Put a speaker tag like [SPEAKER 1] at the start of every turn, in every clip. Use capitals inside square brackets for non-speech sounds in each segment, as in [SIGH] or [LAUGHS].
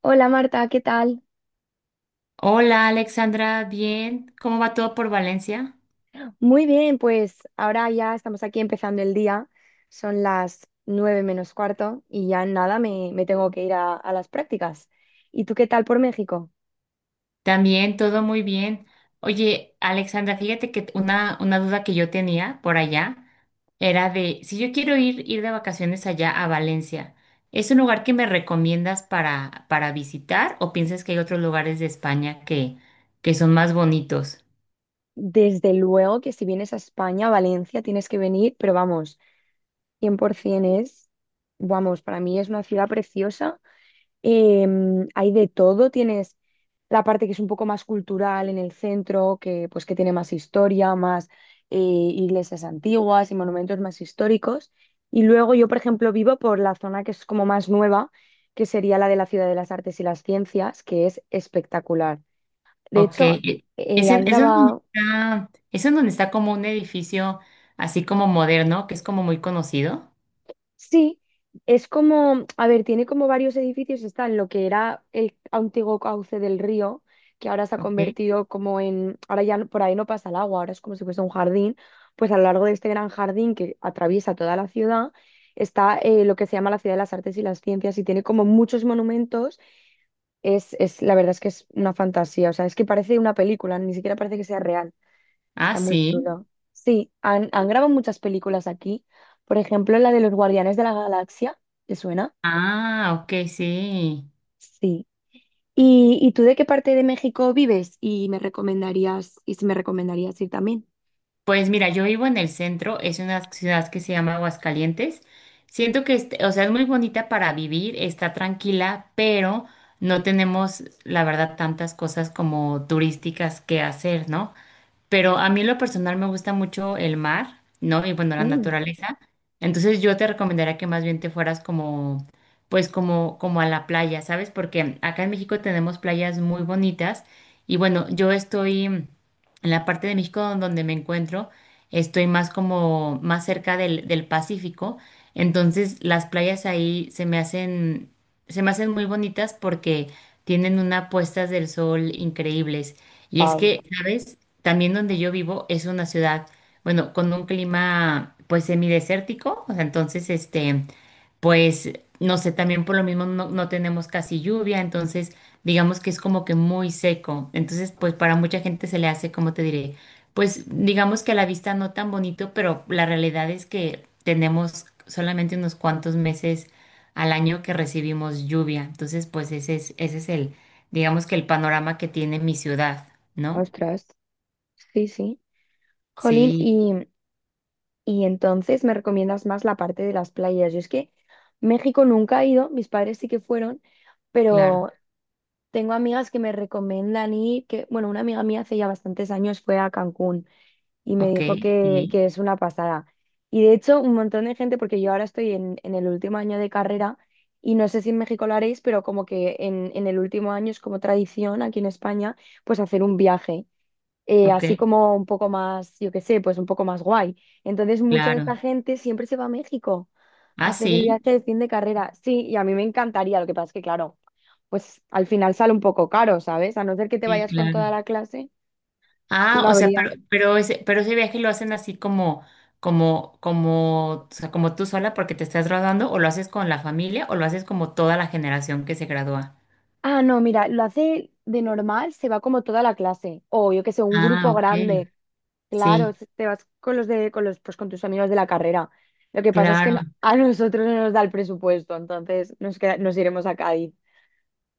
[SPEAKER 1] Hola Marta, ¿qué tal?
[SPEAKER 2] Hola Alexandra, bien. ¿Cómo va todo por Valencia?
[SPEAKER 1] Muy bien, pues ahora ya estamos aquí empezando el día. Son las nueve menos cuarto y ya en nada me tengo que ir a las prácticas. ¿Y tú qué tal por México?
[SPEAKER 2] También, todo muy bien. Oye, Alexandra, fíjate que una duda que yo tenía por allá era de si yo quiero ir de vacaciones allá a Valencia, ¿es un lugar que me recomiendas para visitar o piensas que hay otros lugares de España que son más bonitos?
[SPEAKER 1] Desde luego que si vienes a España, a Valencia, tienes que venir, pero vamos, 100% es, vamos, para mí es una ciudad preciosa. Hay de todo, tienes la parte que es un poco más cultural en el centro, que pues que tiene más historia, más iglesias antiguas y monumentos más históricos. Y luego yo, por ejemplo, vivo por la zona que es como más nueva, que sería la de la Ciudad de las Artes y las Ciencias, que es espectacular. De
[SPEAKER 2] Ok,
[SPEAKER 1] hecho, han
[SPEAKER 2] es en donde
[SPEAKER 1] grabado.
[SPEAKER 2] está, es en donde está como un edificio así como moderno, que es como muy conocido.
[SPEAKER 1] Sí, es como, a ver, tiene como varios edificios, está en lo que era el antiguo cauce del río, que ahora se ha
[SPEAKER 2] Ok.
[SPEAKER 1] convertido como en, ahora ya no- por ahí no pasa el agua, ahora es como si fuese un jardín, pues a lo largo de este gran jardín que atraviesa toda la ciudad está lo que se llama la Ciudad de las Artes y las Ciencias y tiene como muchos monumentos, la verdad es que es una fantasía, o sea, es que parece una película, ni siquiera parece que sea real.
[SPEAKER 2] Ah,
[SPEAKER 1] Está muy
[SPEAKER 2] sí.
[SPEAKER 1] chulo. Sí, han grabado muchas películas aquí. Por ejemplo, la de los Guardianes de la Galaxia. ¿Te suena?
[SPEAKER 2] Ah, ok, sí.
[SPEAKER 1] Sí. ¿Y tú de qué parte de México vives? Y me recomendarías, y si me recomendarías ir también.
[SPEAKER 2] Pues mira, yo vivo en el centro, es una ciudad que se llama Aguascalientes. Siento que, o sea, es muy bonita para vivir, está tranquila, pero no tenemos, la verdad, tantas cosas como turísticas que hacer, ¿no? Pero a mí en lo personal me gusta mucho el mar, ¿no? Y bueno, la naturaleza. Entonces yo te recomendaría que más bien te fueras como, pues como, como a la playa, ¿sabes? Porque acá en México tenemos playas muy bonitas y bueno, yo estoy en la parte de México donde me encuentro, estoy más como, más cerca del Pacífico. Entonces las playas ahí se me hacen muy bonitas porque tienen unas puestas del sol increíbles. Y es
[SPEAKER 1] Wow.
[SPEAKER 2] que, ¿sabes? También donde yo vivo es una ciudad, bueno, con un clima pues semidesértico, o sea, entonces este, pues no sé, también por lo mismo no tenemos casi lluvia, entonces digamos que es como que muy seco, entonces pues para mucha gente se le hace, como te diré, pues digamos que a la vista no tan bonito, pero la realidad es que tenemos solamente unos cuantos meses al año que recibimos lluvia, entonces pues ese es digamos que el panorama que tiene mi ciudad, ¿no?
[SPEAKER 1] Ostras. Sí, sí. Jolín,
[SPEAKER 2] Sí,
[SPEAKER 1] y entonces me recomiendas más la parte de las playas. Yo es que México nunca he ido, mis padres sí que fueron,
[SPEAKER 2] claro.
[SPEAKER 1] pero tengo amigas que me recomiendan ir, que, bueno, una amiga mía hace ya bastantes años fue a Cancún y me
[SPEAKER 2] Ok,
[SPEAKER 1] dijo
[SPEAKER 2] sí,
[SPEAKER 1] que es una pasada. Y de hecho, un montón de gente, porque yo ahora estoy en el último año de carrera y no sé si en México lo haréis, pero como que en el último año es como tradición aquí en España, pues hacer un viaje
[SPEAKER 2] ok,
[SPEAKER 1] así como un poco más, yo qué sé, pues un poco más guay. Entonces, mucha de esta
[SPEAKER 2] claro.
[SPEAKER 1] gente siempre se va a México a
[SPEAKER 2] Ah,
[SPEAKER 1] hacer el
[SPEAKER 2] sí,
[SPEAKER 1] viaje de fin de carrera. Sí, y a mí me encantaría, lo que pasa es que, claro, pues al final sale un poco caro, ¿sabes? A no ser que te
[SPEAKER 2] sí,
[SPEAKER 1] vayas con toda
[SPEAKER 2] claro.
[SPEAKER 1] la clase,
[SPEAKER 2] Ah,
[SPEAKER 1] no
[SPEAKER 2] o sea,
[SPEAKER 1] habría.
[SPEAKER 2] pero ese viaje lo hacen así como, o sea, como tú sola porque te estás graduando, o lo haces con la familia, o lo haces como toda la generación que se gradúa.
[SPEAKER 1] Ah, no, mira, lo hace de normal, se va como toda la clase, o yo qué sé, un
[SPEAKER 2] Ah,
[SPEAKER 1] grupo
[SPEAKER 2] ok.
[SPEAKER 1] grande.
[SPEAKER 2] Sí,
[SPEAKER 1] Claro, se- te vas con los de, con los, pues con tus amigos de la carrera. Lo que pasa es que
[SPEAKER 2] claro.
[SPEAKER 1] no- a nosotros no nos da el presupuesto, entonces nos queda- nos iremos a Cádiz.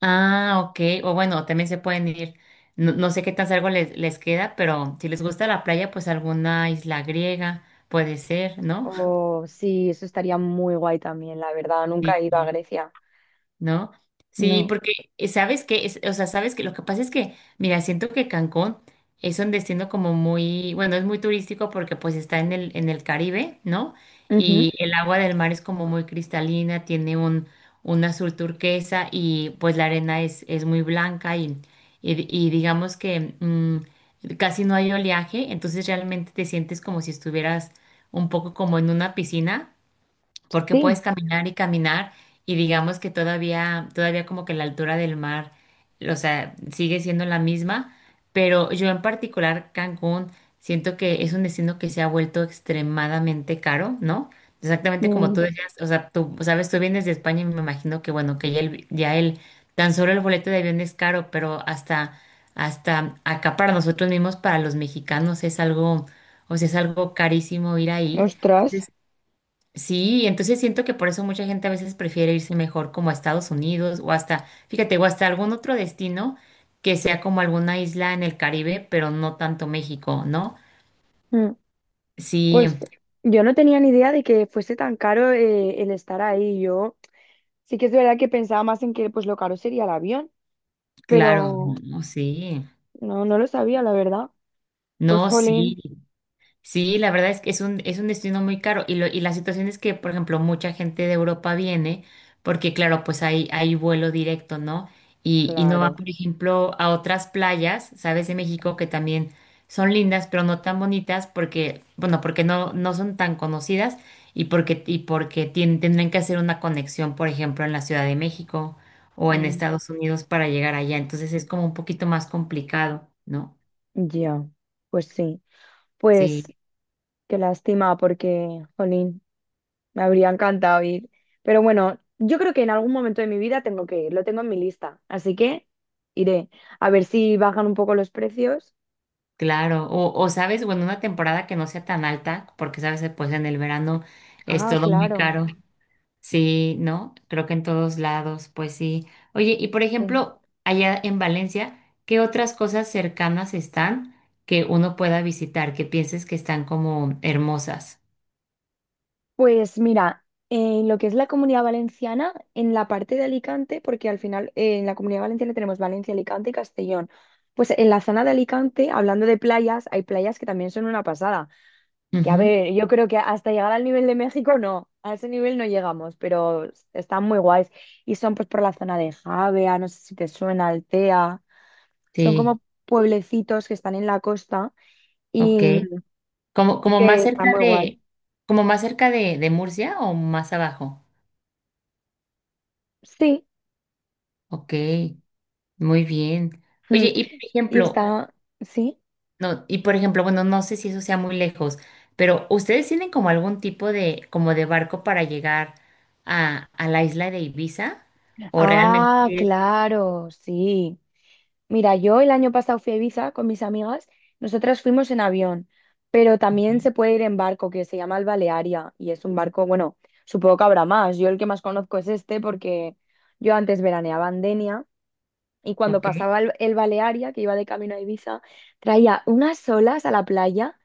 [SPEAKER 2] Ah, ok. O bueno, también se pueden ir. No, no sé qué tan cerca les queda, pero si les gusta la playa, pues alguna isla griega puede ser, ¿no?
[SPEAKER 1] O sí, eso estaría muy guay también, la verdad.
[SPEAKER 2] [LAUGHS]
[SPEAKER 1] Nunca he ido a
[SPEAKER 2] Sí.
[SPEAKER 1] Grecia.
[SPEAKER 2] ¿No? Sí,
[SPEAKER 1] No.
[SPEAKER 2] porque sabes que, es, o sea, sabes que lo que pasa es que, mira, siento que Cancún es un destino como muy, bueno, es muy turístico porque pues está en el Caribe, ¿no?
[SPEAKER 1] Ujú.
[SPEAKER 2] Y el agua del mar es como muy cristalina, tiene un azul turquesa y pues la arena es muy blanca y digamos que casi no hay oleaje, entonces realmente te sientes como si estuvieras un poco como en una piscina porque puedes
[SPEAKER 1] Sí.
[SPEAKER 2] caminar y caminar y digamos que todavía como que la altura del mar, o sea, sigue siendo la misma, pero yo en particular Cancún siento que es un destino que se ha vuelto extremadamente caro, ¿no? Exactamente como tú
[SPEAKER 1] Mm.
[SPEAKER 2] decías, o sea, tú sabes, tú vienes de España y me imagino que bueno, que ya el, tan solo el boleto de avión es caro, hasta acá para nosotros mismos, para los mexicanos es algo, o sea, es algo carísimo ir ahí.
[SPEAKER 1] Ostras.
[SPEAKER 2] Sí, entonces siento que por eso mucha gente a veces prefiere irse mejor como a Estados Unidos o hasta, fíjate, o hasta algún otro destino que sea como alguna isla en el Caribe, pero no tanto México, ¿no?
[SPEAKER 1] Mm.
[SPEAKER 2] Sí,
[SPEAKER 1] Pues yo no tenía ni idea de que fuese tan caro el estar ahí. Yo sí que es verdad que pensaba más en que pues lo caro sería el avión,
[SPEAKER 2] claro,
[SPEAKER 1] pero
[SPEAKER 2] no, sí,
[SPEAKER 1] no lo sabía, la verdad. Pues
[SPEAKER 2] no, sí.
[SPEAKER 1] jolín.
[SPEAKER 2] Sí, la verdad es que es es un destino muy caro y, lo, y la situación es que, por ejemplo, mucha gente de Europa viene porque, claro, pues hay vuelo directo, ¿no? Y no van,
[SPEAKER 1] Claro.
[SPEAKER 2] por ejemplo, a otras playas, ¿sabes? De México que también son lindas, pero no tan bonitas porque, bueno, porque no son tan conocidas y porque tendrán que hacer una conexión, por ejemplo, en la Ciudad de México o en
[SPEAKER 1] Mm.
[SPEAKER 2] Estados Unidos para llegar allá. Entonces es como un poquito más complicado, ¿no?
[SPEAKER 1] Ya. Pues sí. Pues
[SPEAKER 2] Sí.
[SPEAKER 1] qué lástima porque, jolín. Me habría encantado ir. Pero bueno, yo creo que en algún momento de mi vida tengo que ir, lo tengo en mi lista. Así que iré a ver si bajan un poco los precios.
[SPEAKER 2] Claro, o sabes, bueno, una temporada que no sea tan alta, porque sabes, que, pues en el verano es
[SPEAKER 1] Ah,
[SPEAKER 2] todo muy
[SPEAKER 1] claro.
[SPEAKER 2] caro. Sí, ¿no? Creo que en todos lados, pues sí. Oye, y por
[SPEAKER 1] Sí.
[SPEAKER 2] ejemplo, allá en Valencia, ¿qué otras cosas cercanas están que uno pueda visitar, que pienses que están como hermosas?
[SPEAKER 1] Pues mira, en lo que es la Comunidad Valenciana, en la parte de Alicante, porque al final en la Comunidad Valenciana tenemos Valencia, Alicante y Castellón. Pues en la zona de Alicante, hablando de playas, hay playas que también son una pasada. Que a
[SPEAKER 2] Ujú.
[SPEAKER 1] ver, yo creo que hasta llegar al nivel de México no, a ese nivel no llegamos, pero están muy guays. Y son pues por la zona de Javea, no sé si te suena, Altea. Son
[SPEAKER 2] Sí,
[SPEAKER 1] como pueblecitos que están en la costa
[SPEAKER 2] ok.
[SPEAKER 1] y,
[SPEAKER 2] Como,
[SPEAKER 1] y
[SPEAKER 2] como más
[SPEAKER 1] que está
[SPEAKER 2] cerca
[SPEAKER 1] muy guay.
[SPEAKER 2] de, como más cerca de Murcia o más abajo.
[SPEAKER 1] Sí,
[SPEAKER 2] Ok, muy bien.
[SPEAKER 1] mm,
[SPEAKER 2] Oye, y por
[SPEAKER 1] y
[SPEAKER 2] ejemplo,
[SPEAKER 1] está, sí.
[SPEAKER 2] no, y por ejemplo, bueno, no sé si eso sea muy lejos, pero ¿ustedes tienen como algún tipo de, como de barco para llegar a la isla de Ibiza? ¿O realmente
[SPEAKER 1] Ah,
[SPEAKER 2] es-
[SPEAKER 1] claro, sí. Mira, yo el año pasado fui a Ibiza con mis amigas, nosotras fuimos en avión, pero
[SPEAKER 2] Ok,
[SPEAKER 1] también se puede ir en barco que se llama el Balearia y es un barco, bueno, supongo que habrá más, yo el que más conozco es este porque yo antes veraneaba en Denia y cuando
[SPEAKER 2] ok.
[SPEAKER 1] pasaba el Balearia, que iba de camino a Ibiza, traía unas olas a la playa.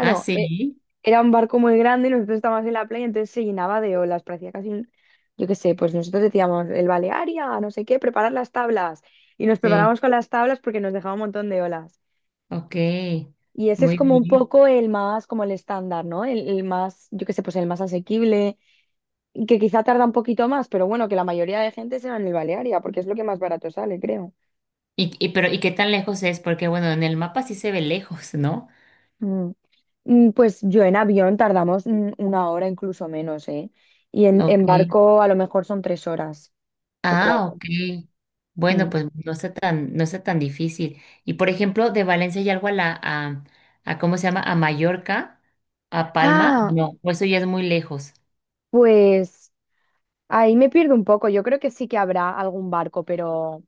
[SPEAKER 2] Ah,
[SPEAKER 1] e-
[SPEAKER 2] sí,
[SPEAKER 1] era un barco muy grande y nosotros estábamos en la playa, entonces se llenaba de olas, parecía casi un, yo qué sé, pues nosotros decíamos, el Balearia, no sé qué, preparar las tablas. Y nos
[SPEAKER 2] sí,
[SPEAKER 1] preparamos con las tablas porque nos dejaba un montón de olas.
[SPEAKER 2] ok.
[SPEAKER 1] Y ese es
[SPEAKER 2] Muy
[SPEAKER 1] como un
[SPEAKER 2] bien.
[SPEAKER 1] poco el más, como el estándar, ¿no? El más, yo qué sé, pues el más asequible, y que quizá tarda un poquito más, pero bueno, que la mayoría de gente se va en el Balearia, porque es lo que más barato sale, creo.
[SPEAKER 2] Y pero, ¿y qué tan lejos es? Porque bueno, en el mapa sí se ve lejos, ¿no?
[SPEAKER 1] Mm. Mm, pues yo en avión tardamos una hora, incluso menos, ¿eh? Y en
[SPEAKER 2] Ok.
[SPEAKER 1] barco a lo mejor son tres horas o
[SPEAKER 2] Ah,
[SPEAKER 1] cuatro.
[SPEAKER 2] ok. Bueno,
[SPEAKER 1] Mm.
[SPEAKER 2] pues no está tan, no está tan difícil. Y por ejemplo, de Valencia y algo a ¿cómo se llama? A Mallorca, a Palma,
[SPEAKER 1] Ah,
[SPEAKER 2] no, o eso ya es muy lejos.
[SPEAKER 1] pues ahí me pierdo un poco. Yo creo que sí que habrá algún barco,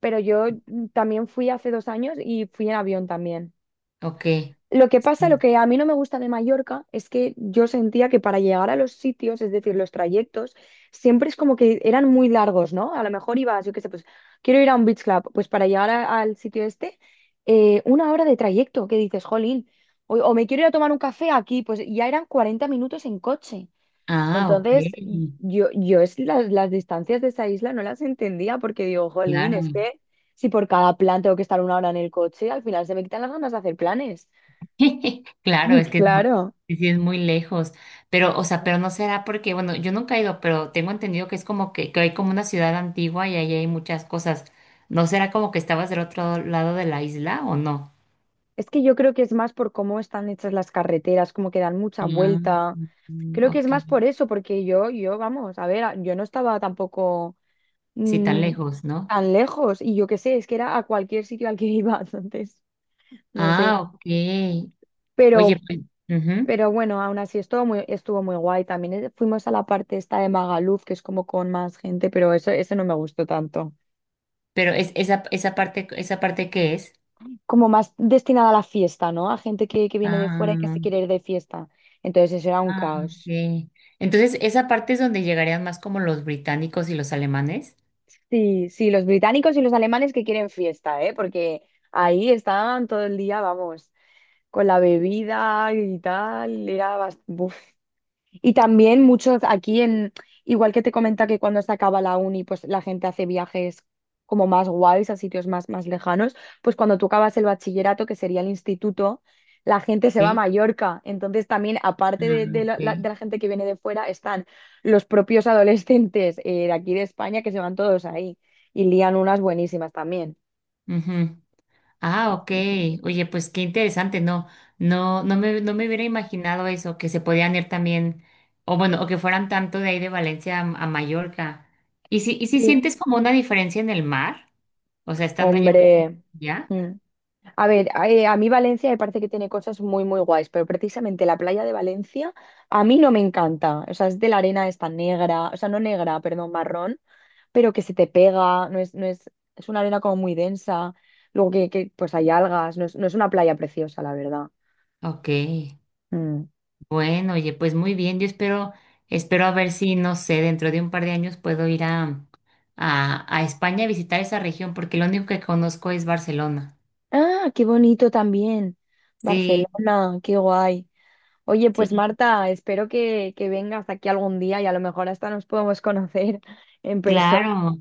[SPEAKER 1] pero yo también fui hace dos años y fui en avión también.
[SPEAKER 2] Ok,
[SPEAKER 1] Lo que pasa, lo
[SPEAKER 2] sí.
[SPEAKER 1] que a mí no me gusta de Mallorca es que yo sentía que para llegar a los sitios, es decir, los trayectos, siempre es como que eran muy largos, ¿no? A lo mejor ibas, yo qué sé, pues quiero ir a un beach club, pues para llegar a- al sitio este, una hora de trayecto, que dices, jolín, o me quiero ir a tomar un café aquí, pues ya eran 40 minutos en coche.
[SPEAKER 2] Ah, ok,
[SPEAKER 1] Entonces, yo es las distancias de esa isla no las entendía porque digo, jolín, es
[SPEAKER 2] claro.
[SPEAKER 1] que si por cada plan tengo que estar una hora en el coche, al final se me quitan las ganas de hacer planes.
[SPEAKER 2] [LAUGHS] Claro, es
[SPEAKER 1] [LAUGHS]
[SPEAKER 2] que es muy,
[SPEAKER 1] Claro.
[SPEAKER 2] sí sí es muy lejos. Pero, o sea, pero no será porque, bueno, yo nunca he ido, pero tengo entendido que es como que hay como una ciudad antigua y ahí hay muchas cosas. ¿No será como que estabas del otro lado de la isla o no?
[SPEAKER 1] Es que yo creo que es más por cómo están hechas las carreteras, como que dan mucha
[SPEAKER 2] Ah,
[SPEAKER 1] vuelta. Creo que es más
[SPEAKER 2] ok.
[SPEAKER 1] por eso, porque vamos, a ver, a- yo no estaba tampoco
[SPEAKER 2] Sí, tan
[SPEAKER 1] mm,
[SPEAKER 2] lejos, ¿no?
[SPEAKER 1] tan lejos y yo qué sé, es que era a cualquier sitio al que iba [LAUGHS] entonces, no sé.
[SPEAKER 2] Ah, ok. Oye,
[SPEAKER 1] Pero,
[SPEAKER 2] pues, ujú.
[SPEAKER 1] pero bueno, aún así estuvo muy guay. También fuimos a la parte esta de Magaluf, que es como con más gente, pero eso, ese no me gustó tanto.
[SPEAKER 2] Pero es ¿esa parte qué es?
[SPEAKER 1] Como más destinada a la fiesta, ¿no? A gente que viene de fuera y que
[SPEAKER 2] Ah,
[SPEAKER 1] se quiere ir de fiesta. Entonces eso era un
[SPEAKER 2] ah,
[SPEAKER 1] caos.
[SPEAKER 2] ok. Entonces, esa parte es donde llegarían más como los británicos y los alemanes.
[SPEAKER 1] Sí, sí, los británicos y los alemanes que quieren fiesta, ¿eh? Porque ahí estaban todo el día, vamos, con la bebida y tal. Era bastante... Y también muchos aquí en, igual que te comenta que cuando se acaba la uni, pues la gente hace viajes como más guays a sitios más, más lejanos, pues cuando tú acabas el bachillerato, que sería el instituto, la gente se va a
[SPEAKER 2] Sí.
[SPEAKER 1] Mallorca. Entonces también, aparte de
[SPEAKER 2] Ah,
[SPEAKER 1] la, la- de
[SPEAKER 2] ok.
[SPEAKER 1] la gente que viene de fuera, están los propios adolescentes de aquí de España que se van todos ahí y lían unas buenísimas también.
[SPEAKER 2] Ujú. Ah, ok.
[SPEAKER 1] Así que,
[SPEAKER 2] Oye, pues qué interesante, no me, no me hubiera imaginado eso, que se podían ir también, o bueno, o que fueran tanto de ahí de Valencia a Mallorca. ¿ Y si
[SPEAKER 1] sí,
[SPEAKER 2] sientes como una diferencia en el mar? O sea, estando allá en Valencia,
[SPEAKER 1] hombre.
[SPEAKER 2] ¿ya?
[SPEAKER 1] Mm. A ver, a mí Valencia me parece que tiene cosas muy, muy guays, pero precisamente la playa de Valencia a mí no me encanta. O sea, es de la arena esta negra, o sea, no negra, perdón, marrón, pero que se te pega, no es, es una arena como muy densa, luego que, pues hay algas, no es, no es una playa preciosa, la verdad.
[SPEAKER 2] Ok.
[SPEAKER 1] Mm.
[SPEAKER 2] Bueno, oye, pues muy bien. Yo espero, espero a ver si, no sé, dentro de un par de años puedo ir a España a visitar esa región, porque lo único que conozco es Barcelona.
[SPEAKER 1] Ah, qué bonito también.
[SPEAKER 2] Sí,
[SPEAKER 1] Barcelona, qué guay. Oye, pues
[SPEAKER 2] sí.
[SPEAKER 1] Marta, espero que vengas aquí algún día y a lo mejor hasta nos podemos conocer en persona.
[SPEAKER 2] Claro,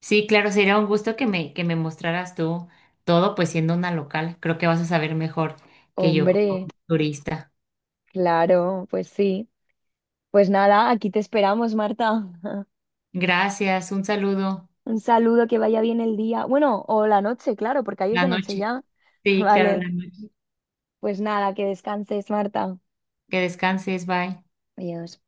[SPEAKER 2] sí, claro, sería un gusto que me mostraras tú todo, pues siendo una local. Creo que vas a saber mejor que yo como
[SPEAKER 1] Hombre.
[SPEAKER 2] turista.
[SPEAKER 1] Claro, pues sí. Pues nada, aquí te esperamos, Marta. [LAUGHS]
[SPEAKER 2] Gracias, un saludo.
[SPEAKER 1] Un saludo, que vaya bien el día. Bueno, o la noche, claro, porque ahí es
[SPEAKER 2] La
[SPEAKER 1] de noche
[SPEAKER 2] noche.
[SPEAKER 1] ya. [LAUGHS]
[SPEAKER 2] Sí, claro, la
[SPEAKER 1] Vale,
[SPEAKER 2] noche.
[SPEAKER 1] pues nada, que descanses, Marta.
[SPEAKER 2] Que descanses, bye.
[SPEAKER 1] Adiós.